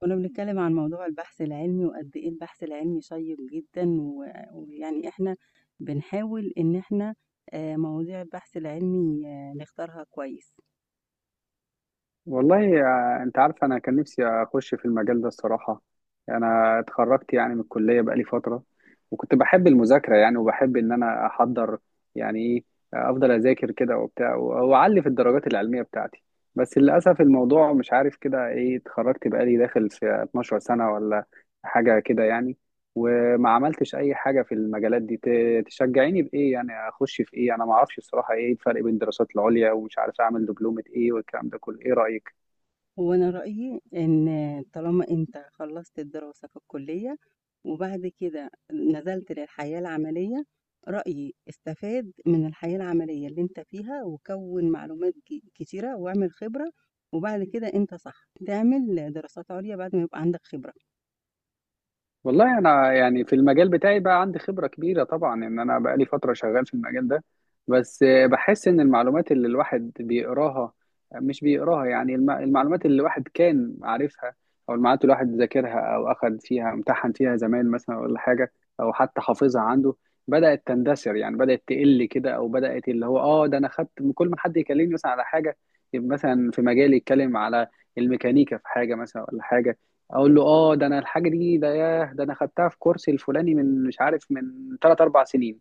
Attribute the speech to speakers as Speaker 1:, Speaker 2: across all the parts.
Speaker 1: كنا بنتكلم عن موضوع البحث العلمي، وقد إيه البحث العلمي شيّق جدًا، ويعني إحنا بنحاول إن إحنا مواضيع البحث العلمي نختارها كويس.
Speaker 2: والله انت عارف انا كان نفسي اخش في المجال ده الصراحه. انا اتخرجت يعني من الكليه بقالي فتره، وكنت بحب المذاكره يعني وبحب ان انا احضر يعني ايه. افضل اذاكر كده وبتاع واعلي في الدرجات العلميه بتاعتي. بس للاسف الموضوع مش عارف كده ايه، اتخرجت بقالي داخل في 12 سنه ولا حاجه كده يعني، وما عملتش اي حاجه في المجالات دي. تشجعيني بايه يعني، اخش في ايه؟ انا ما اعرفش الصراحه ايه الفرق بين الدراسات العليا، ومش عارف اعمل دبلومه ايه والكلام ده كله. ايه رايك؟
Speaker 1: وأنا رأيي إن طالما أنت خلّصت الدراسة في الكلية، وبعد كده نزلت للحياة العملية، رأيي استفاد من الحياة العملية اللي أنت فيها، وكوّن معلومات كتيرة واعمل خبرة، وبعد كده أنت صح تعمل دراسات عُليا بعد ما يبقى عندك خبرة.
Speaker 2: والله انا يعني في المجال بتاعي بقى عندي خبرة كبيرة طبعا، ان انا بقى لي فترة شغال في المجال ده. بس بحس ان المعلومات اللي الواحد بيقراها مش بيقراها، يعني المعلومات اللي الواحد كان عارفها، او المعلومات اللي الواحد ذاكرها او اخد فيها امتحن فيها زمان مثلا ولا حاجة، او حتى حافظها عنده، بدأت تندثر. يعني بدأت تقل كده، او بدأت اللي هو ده انا خدت كل ما حد يكلمني مثلا على حاجة، يبقى مثلا في مجالي يتكلم على الميكانيكا في حاجة مثلا ولا حاجة، اقول له اه ده انا الحاجه دي ده، ياه ده انا خدتها في كورسي الفلاني من مش عارف من 3 4 سنين.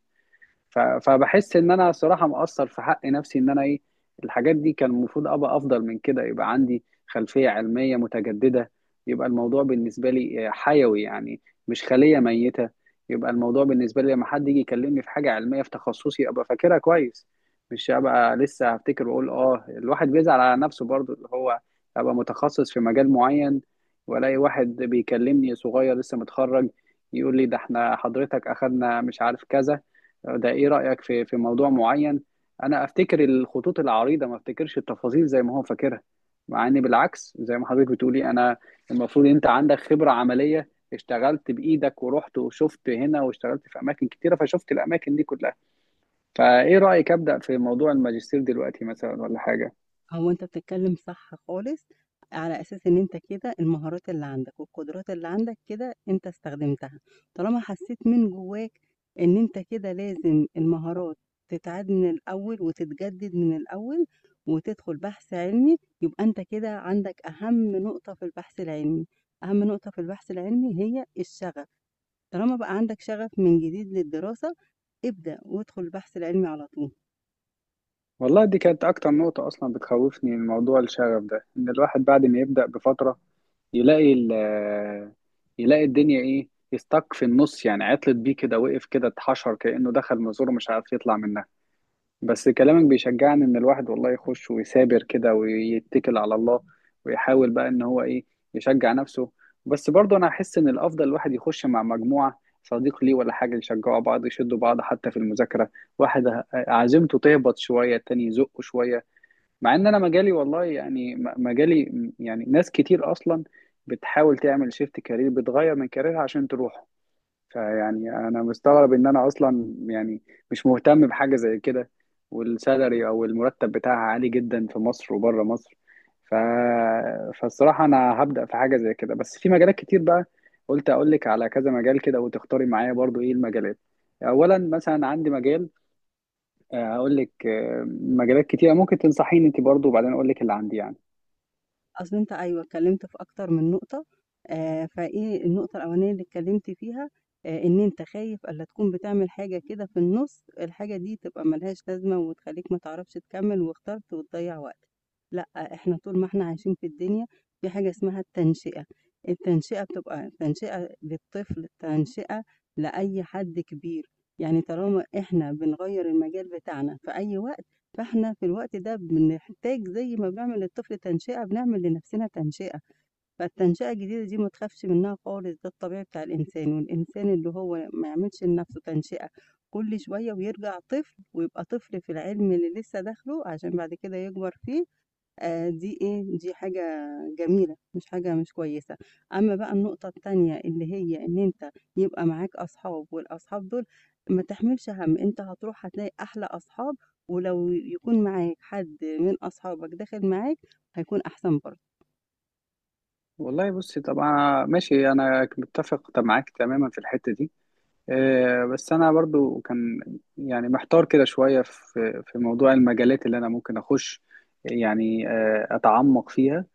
Speaker 2: فبحس ان انا صراحه مقصر في حق نفسي، ان انا ايه، الحاجات دي كان المفروض ابقى افضل من كده، يبقى عندي خلفيه علميه متجدده. يبقى الموضوع بالنسبه لي حيوي يعني، مش خليه ميته. يبقى الموضوع بالنسبه لي لما حد يجي يكلمني في حاجه علميه في تخصصي، ابقى فاكرها كويس، مش ابقى لسه هفتكر واقول اه. الواحد بيزعل على نفسه برضو، اللي هو ابقى متخصص في مجال معين، والاقي واحد بيكلمني صغير لسه متخرج يقول لي ده احنا حضرتك اخدنا مش عارف كذا، ده ايه رأيك في موضوع معين. انا افتكر الخطوط العريضة، ما افتكرش التفاصيل زي ما هو فاكرها. مع ان بالعكس، زي ما حضرتك بتقولي، انا المفروض انت عندك خبرة عملية، اشتغلت بايدك ورحت وشفت هنا، واشتغلت في اماكن كتيرة فشفت الاماكن دي كلها. فايه رأيك ابدأ في موضوع الماجستير دلوقتي مثلا ولا حاجة؟
Speaker 1: هو أنت بتتكلم صح خالص، على أساس إن أنت كده المهارات اللي عندك والقدرات اللي عندك كده أنت استخدمتها، طالما حسيت من جواك إن أنت كده لازم المهارات تتعاد من الأول وتتجدد من الأول، وتدخل بحث علمي، يبقى أنت كده عندك أهم نقطة في البحث العلمي، أهم نقطة في البحث العلمي هي الشغف، طالما بقى عندك شغف من جديد للدراسة، ابدأ وادخل البحث العلمي على طول.
Speaker 2: والله دي كانت اكتر نقطة اصلا بتخوفني، من موضوع الشغف ده، ان الواحد بعد ما يبدأ بفترة يلاقي ال يلاقي الدنيا ايه، يستك في النص يعني، عطلت بيه كده، وقف كده، اتحشر كأنه دخل مزور مش عارف يطلع منها. بس كلامك بيشجعني ان الواحد والله يخش ويثابر كده، ويتكل على الله، ويحاول بقى ان هو ايه، يشجع نفسه. بس برضه انا احس ان الافضل الواحد يخش مع مجموعة صديق ليه ولا حاجة، يشجعوا بعض، يشدوا بعض، حتى في المذاكرة. واحد عزيمته تهبط شوية التاني يزقه شوية. مع ان انا مجالي والله يعني مجالي يعني ناس كتير اصلا بتحاول تعمل شيفت كارير، بتغير من كاريرها عشان تروحه. فيعني انا مستغرب ان انا اصلا يعني مش مهتم بحاجه زي كده، والسالري او المرتب بتاعها عالي جدا في مصر وبره مصر. ف... فالصراحه انا هبدا في حاجه زي كده، بس في مجالات كتير بقى. قلت اقول لك على كذا مجال كده، وتختاري معايا برضو ايه المجالات. اولا مثلا عندي مجال، هقول لك مجالات كتيرة ممكن تنصحيني انت برضو، وبعدين اقول لك اللي عندي يعني.
Speaker 1: أصل أنت أيوه، اتكلّمت في أكتر من نقطة. فإيه النقطة الأولانية اللي اتكلّمت فيها، إن أنت خايف ألّا تكون بتعمل حاجة كده في النُص، الحاجة دي تبقى ما لهاش لازمة وتخلّيك ما تعرفش تكمّل واخترت وتضيّع وقتك. لأ، إحنا طول ما إحنا عايشين في الدنيا في حاجة اسمها التنشئة، التنشئة بتبقى تنشئة للطفل، تنشئة لأي حد كبير، يعني طالما إحنا بنغيّر المجال بتاعنا في أي وقت فإحنا في الوقت ده بنحتاج زي ما بنعمل للطفل تنشئة، بنعمل لنَفْسنا تنشئة، فالتنشئة الجديدة دي ما تخافش منها خالص، ده الطبيعي بتاع الإنسان، والإنسان اللي هو ما يعملش لنَفْسه تنشئة كل شوية ويرجع طفل ويبقى طفل في العلم اللي لسه داخله عشان بعد كده يكبر فيه. دي إيه، دي حاجة جميلة، مش حاجة مش كويسة. أمّا بقى النقطة التانية اللي هي إن أنت يبقى معاك أصحاب والأصحاب دول ما تحملش هَم، أنت هتروح هتلاقي أحلى أصحاب، ولو يكون معاك حد من أصحابك داخل معاك هيكون أحسن برضه.
Speaker 2: والله بصي، طبعا ماشي، انا متفق طب معاك تماما في الحتة دي. بس انا برضو كان يعني محتار كده شوية في موضوع المجالات اللي انا ممكن اخش يعني اتعمق فيها.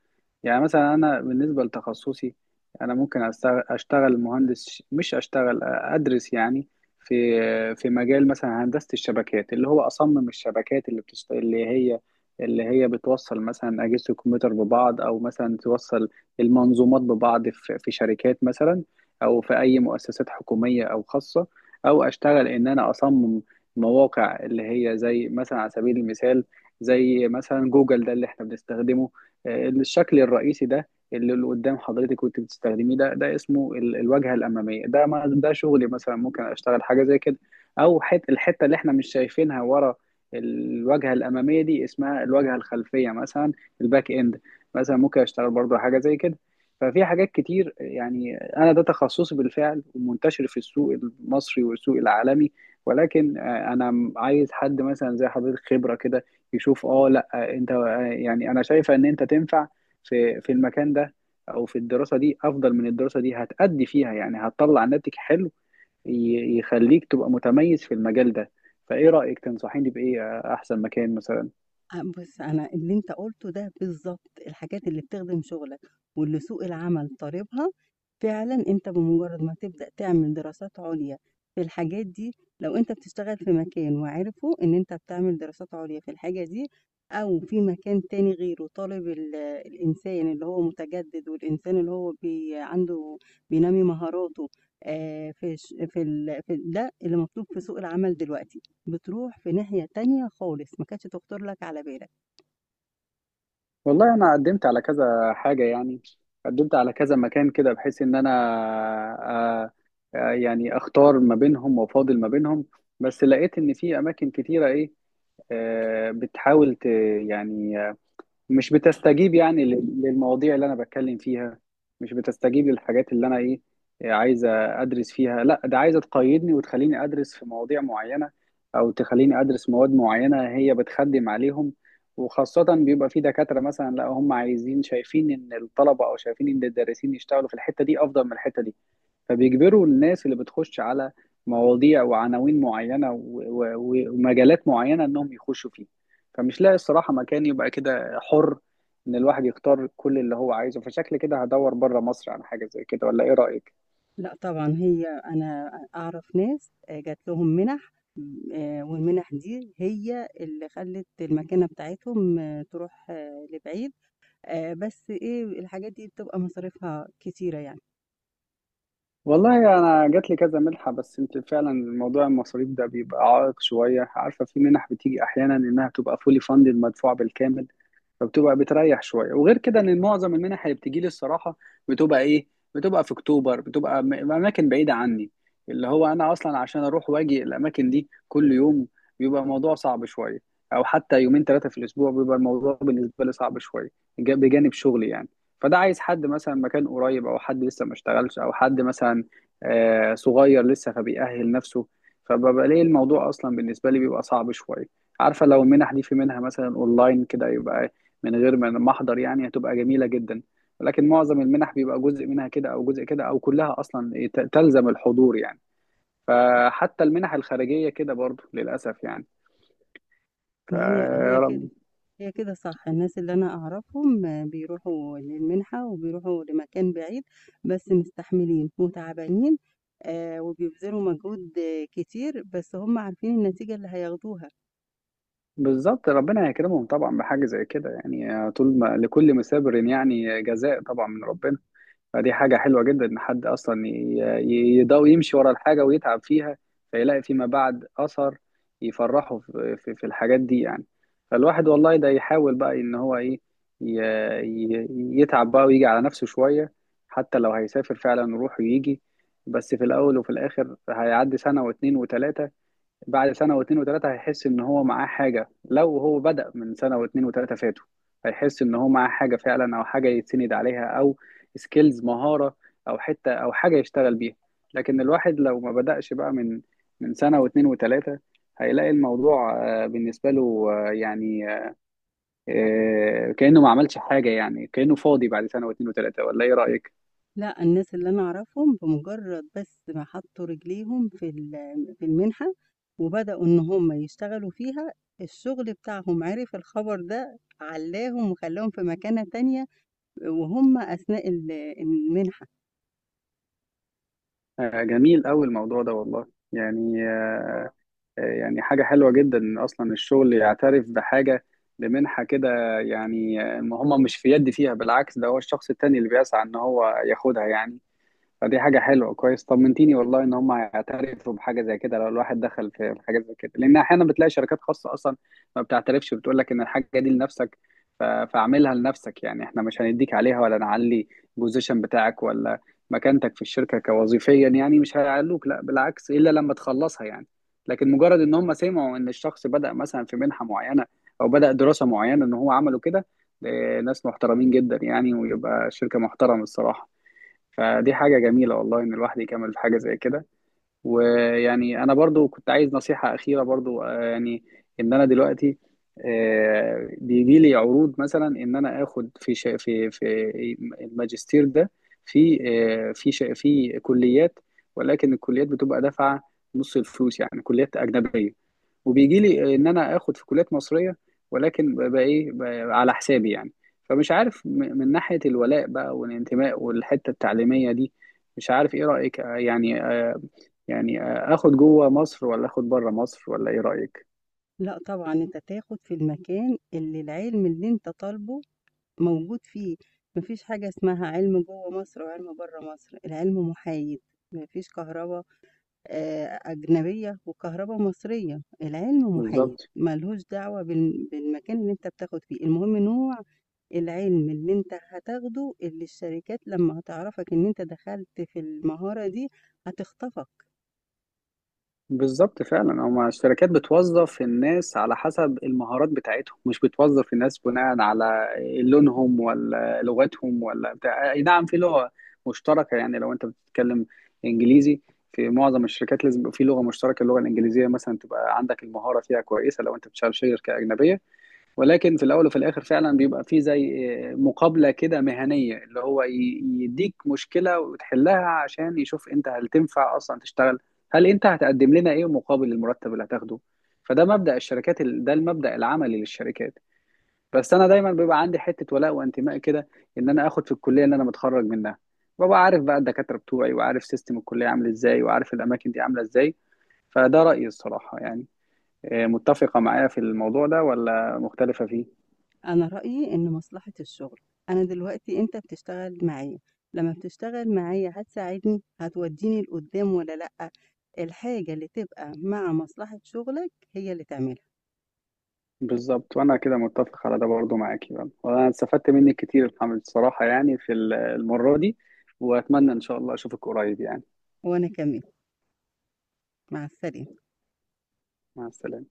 Speaker 2: يعني مثلا انا بالنسبه لتخصصي، انا ممكن اشتغل مهندس مش اشتغل ادرس يعني، في مجال مثلا هندسه الشبكات، اللي هو اصمم الشبكات اللي اللي هي بتوصل مثلا اجهزه الكمبيوتر ببعض، او مثلا توصل المنظومات ببعض في شركات مثلا، او في اي مؤسسات حكوميه او خاصه، او اشتغل ان انا اصمم مواقع، اللي هي زي مثلا على سبيل المثال، زي مثلا جوجل ده اللي احنا بنستخدمه. الشكل الرئيسي ده اللي قدام حضرتك وانت بتستخدميه، ده اسمه الواجهه الاماميه، ده ما ده شغلي مثلا، ممكن اشتغل حاجه زي كده. او الحته اللي احنا مش شايفينها ورا الواجهه الاماميه دي، اسمها الواجهه الخلفيه مثلا، الباك اند، مثلا ممكن اشتغل برضه حاجه زي كده. ففي حاجات كتير يعني، انا ده تخصصي بالفعل، ومنتشر في السوق المصري والسوق العالمي. ولكن انا عايز حد مثلا زي حضرتك خبره كده، يشوف اه لا، انت يعني انا شايفه ان انت تنفع في المكان ده، او في الدراسه دي افضل من الدراسه دي، هتأدي فيها يعني هتطلع ناتج حلو، يخليك تبقى متميز في المجال ده. فايه رأيك تنصحيني بايه احسن مكان مثلا؟
Speaker 1: أ بُص، أنا اللي أنت قُلته ده بالضبط، الحاجات اللي بتخدم شُغلك واللي سوق العمل طالبها، فعلًا أنت بمجرّد ما تبدأ تعمل دراسات عُليا في الحاجات دي، لو أنت بتشتغل في مكان وعرفوا إن أنت بتعمل دراسات عليا في الحاجة دي أو في مكان تاني غيره طالب الإنسان اللي هو متجدد والإنسان اللي هو بي عنده بينمّي مهاراته في ده اللي مطلوب في سوق العمل دلوقتي. بتروح في ناحية تانية خالص، ما كانتش تخطر لك على بالك.
Speaker 2: والله انا قدمت على كذا حاجة يعني، قدمت على كذا مكان كده، بحيث ان انا آه، يعني اختار ما بينهم وافاضل ما بينهم. بس لقيت ان في اماكن كتيرة ايه، بتحاول يعني مش بتستجيب يعني للمواضيع اللي انا بتكلم فيها. مش بتستجيب للحاجات اللي انا ايه، إيه عايزه ادرس فيها، لا ده عايزه تقيدني وتخليني ادرس في مواضيع معينه، او تخليني ادرس مواد معينه هي بتخدم عليهم. وخاصه بيبقى في دكاتره مثلا، لا هم عايزين، شايفين ان الطلبه، او شايفين ان الدارسين يشتغلوا في الحته دي افضل من الحته دي، فبيجبروا الناس اللي بتخش على مواضيع وعناوين معينة ومجالات معينة إنهم يخشوا فيه. فمش لاقي الصراحة مكان يبقى كده حر، إن الواحد يختار كل اللي هو عايزه. فشكل كده هدور بره مصر على حاجة زي كده، ولا إيه رأيك؟
Speaker 1: لأ طبعًا هي أنا أعرف ناس جات لهم مِنَح، والمِنَح دي هي اللي خلّت المكانة بتاعتهم تروح لبعيد. بس إيه، الحاجات دي بتبقى مصاريفها كتيرة يعني.
Speaker 2: والله أنا جات لي كذا منحة، بس أنت فعلا موضوع المصاريف ده بيبقى عائق شوية. عارفة في منح بتيجي أحيانا إنها تبقى فولي فاندد، مدفوعة بالكامل، فبتبقى بتريح شويه. وغير كده ان معظم المنح اللي بتجي لي الصراحه بتبقى ايه، بتبقى في اكتوبر، بتبقى اماكن بعيده عني، اللي هو انا اصلا عشان اروح واجي الاماكن دي كل يوم بيبقى الموضوع صعب شويه، او حتى يومين ثلاثه في الاسبوع بيبقى الموضوع بالنسبه لي صعب شويه، بجانب شغلي يعني. فده عايز حد مثلا مكان قريب، او حد لسه ما اشتغلش، او حد مثلا صغير لسه فبيأهل نفسه. فببقى ليه الموضوع اصلا بالنسبه لي بيبقى صعب شويه. عارفه لو المنح دي في منها مثلا اونلاين كده، يبقى من غير ما احضر يعني، هتبقى جميله جدا. ولكن معظم المنح بيبقى جزء منها كده، او جزء كده، او كلها اصلا إيه، تلزم الحضور يعني. فحتى المنح الخارجيه كده برضو للاسف يعني.
Speaker 1: ما هي هي
Speaker 2: فرب
Speaker 1: كده. هي كده صح، الناس اللي أنا أعرفهم بيروحوا للمنحة وبيروحوا لمكان بعيد، بس مستحملين وتعبانين، وبيبذلوا مجهود كتير، بس هُم عارفين النتيجة اللي هياخدوها.
Speaker 2: بالظبط، ربنا يكرمهم طبعا بحاجه زي كده يعني، طول ما لكل مسابر يعني جزاء طبعا من ربنا. فدي حاجة حلوة جدا إن حد أصلا يضاوي يمشي ورا الحاجة ويتعب فيها، فيلاقي فيما بعد أثر يفرحه في الحاجات دي يعني. فالواحد والله ده يحاول بقى إن هو إيه، ي- يتعب بقى، ويجي على نفسه شوية. حتى لو هيسافر فعلا يروح ويجي. بس في الأول وفي الآخر هيعدي سنة واتنين وتلاتة، بعد سنة واتنين وتلاتة هيحس إن هو معاه حاجة. لو هو بدأ من سنة واتنين وتلاتة فاتوا، هيحس إن هو معاه حاجة فعلا، أو حاجة يتسند عليها، أو سكيلز مهارة، أو حتة أو حاجة يشتغل بيها. لكن الواحد لو ما بدأش بقى من سنة واتنين وتلاتة، هيلاقي الموضوع بالنسبة له يعني كأنه ما عملش حاجة، يعني كأنه فاضي بعد سنة واتنين وتلاتة، ولا إيه رأيك؟
Speaker 1: لأ، الناس اللي أنا أعرفهم بمجرد بس ما حطوا رجليهم في في المنحة وبدأوا إن هُم يشتغلوا فيها، الشغل بتاعهم عرف الخبر ده، علاهم وخلاهم في مكانة تانية وهُم أثناء المنحة.
Speaker 2: آه، جميل أوي الموضوع ده والله. يعني يعني حاجة حلوة جدا إن أصلا الشغل يعترف بحاجة بمنحة كده يعني، ما هم مش في يد فيها، بالعكس ده هو الشخص التاني اللي بيسعى إن هو ياخدها يعني. فدي حاجة حلوة، كويس طمنتيني والله ان هم هيعترفوا بحاجة زي كده لو الواحد دخل في حاجة زي كده. لان احيانا بتلاقي شركات خاصة اصلا ما بتعترفش، بتقول لك ان الحاجة دي لنفسك، فاعملها لنفسك يعني، احنا مش هنديك عليها ولا نعلي البوزيشن بتاعك، ولا مكانتك في الشركة كوظيفيا يعني، مش هيعلوك لا، بالعكس الا لما تخلصها يعني. لكن مجرد ان هم سمعوا ان الشخص بدأ مثلا في منحة معينة، او بدأ دراسة معينة ان هو عمله كده، إيه، ناس محترمين جدا يعني، ويبقى شركة محترمة الصراحة. فدي حاجة جميلة والله إن الواحد يكمل في حاجة زي كده. ويعني أنا برضو كنت عايز نصيحة أخيرة برضو يعني، إن أنا دلوقتي بيجي لي عروض مثلا، إن أنا آخد في في الماجستير ده، في في في كليات، ولكن الكليات بتبقى دافعة نص الفلوس، يعني كليات أجنبية. وبيجي لي ان انا اخد في كليات مصريه، ولكن ببقى ايه، ببقى على حسابي يعني. فمش عارف من ناحيه الولاء بقى والانتماء والحته التعليميه دي، مش عارف ايه رايك يعني يعني اخد جوه مصر ولا اخد بره مصر، ولا ايه رايك؟
Speaker 1: لأ طبعًا، أنت تاخد في المكان اللي العلم اللي أنت طالبه موجود فيه، ما فيش حاجة اسمها علم جوّه مصر وعلم برّه مصر، العلم محايد، ما فيش كهربا أجنبية وكهربا مصرية، العلم محايد،
Speaker 2: بالظبط،
Speaker 1: ما لهوش دعوة بالمكان اللي أنت بتاخد فيه، المهم نوع العلم اللي أنت هتاخده اللي الشركات لمّا هتعرفك إن أنت دخلت في المهارة دي هتخطفك.
Speaker 2: بالظبط، فعلا هما الشركات بتوظف الناس على حسب المهارات بتاعتهم، مش بتوظف الناس بناء على لونهم ولا لغتهم ولا بتاع. اي نعم في لغة مشتركة يعني، لو انت بتتكلم انجليزي، في معظم الشركات لازم يبقى في لغة مشتركة، اللغة الانجليزية مثلا تبقى عندك المهارة فيها كويسة لو انت بتشتغل شركة أجنبية. ولكن في الاول وفي الاخر فعلا بيبقى في زي مقابله كده مهنيه، اللي هو يديك مشكله وتحلها، عشان يشوف انت هل تنفع اصلا تشتغل، هل انت هتقدم لنا ايه مقابل المرتب اللي هتاخده. فده مبدا الشركات ده المبدا العملي للشركات. بس انا دايما بيبقى عندي حته ولاء وانتماء كده، ان انا اخد في الكليه اللي انا متخرج منها. ببقى عارف بقى الدكاتره بتوعي، وعارف سيستم الكليه عامل ازاي، وعارف الاماكن دي عامله ازاي. فده رايي الصراحه يعني. إيه، متفقه معايا في الموضوع ده ولا مختلفه فيه؟
Speaker 1: أنا رأيي إن مصلحة الشغل، أنا دلوقتي أنت بتشتغل معايا، لمّا بتشتغل معايا هتساعدني، هتودّيني لقدّام والّا لأ؟ الحاجة اللي تبقى مع مصلحة شغلك هي اللي تعملها،
Speaker 2: بالظبط، وانا كده متفق على ده برضو معاكي بقى. وانا استفدت منك كتير الحمد الصراحة يعني في المرة دي، واتمنى ان شاء الله اشوفك قريب يعني.
Speaker 1: وأنا كمان، مع السلامة.
Speaker 2: مع السلامة.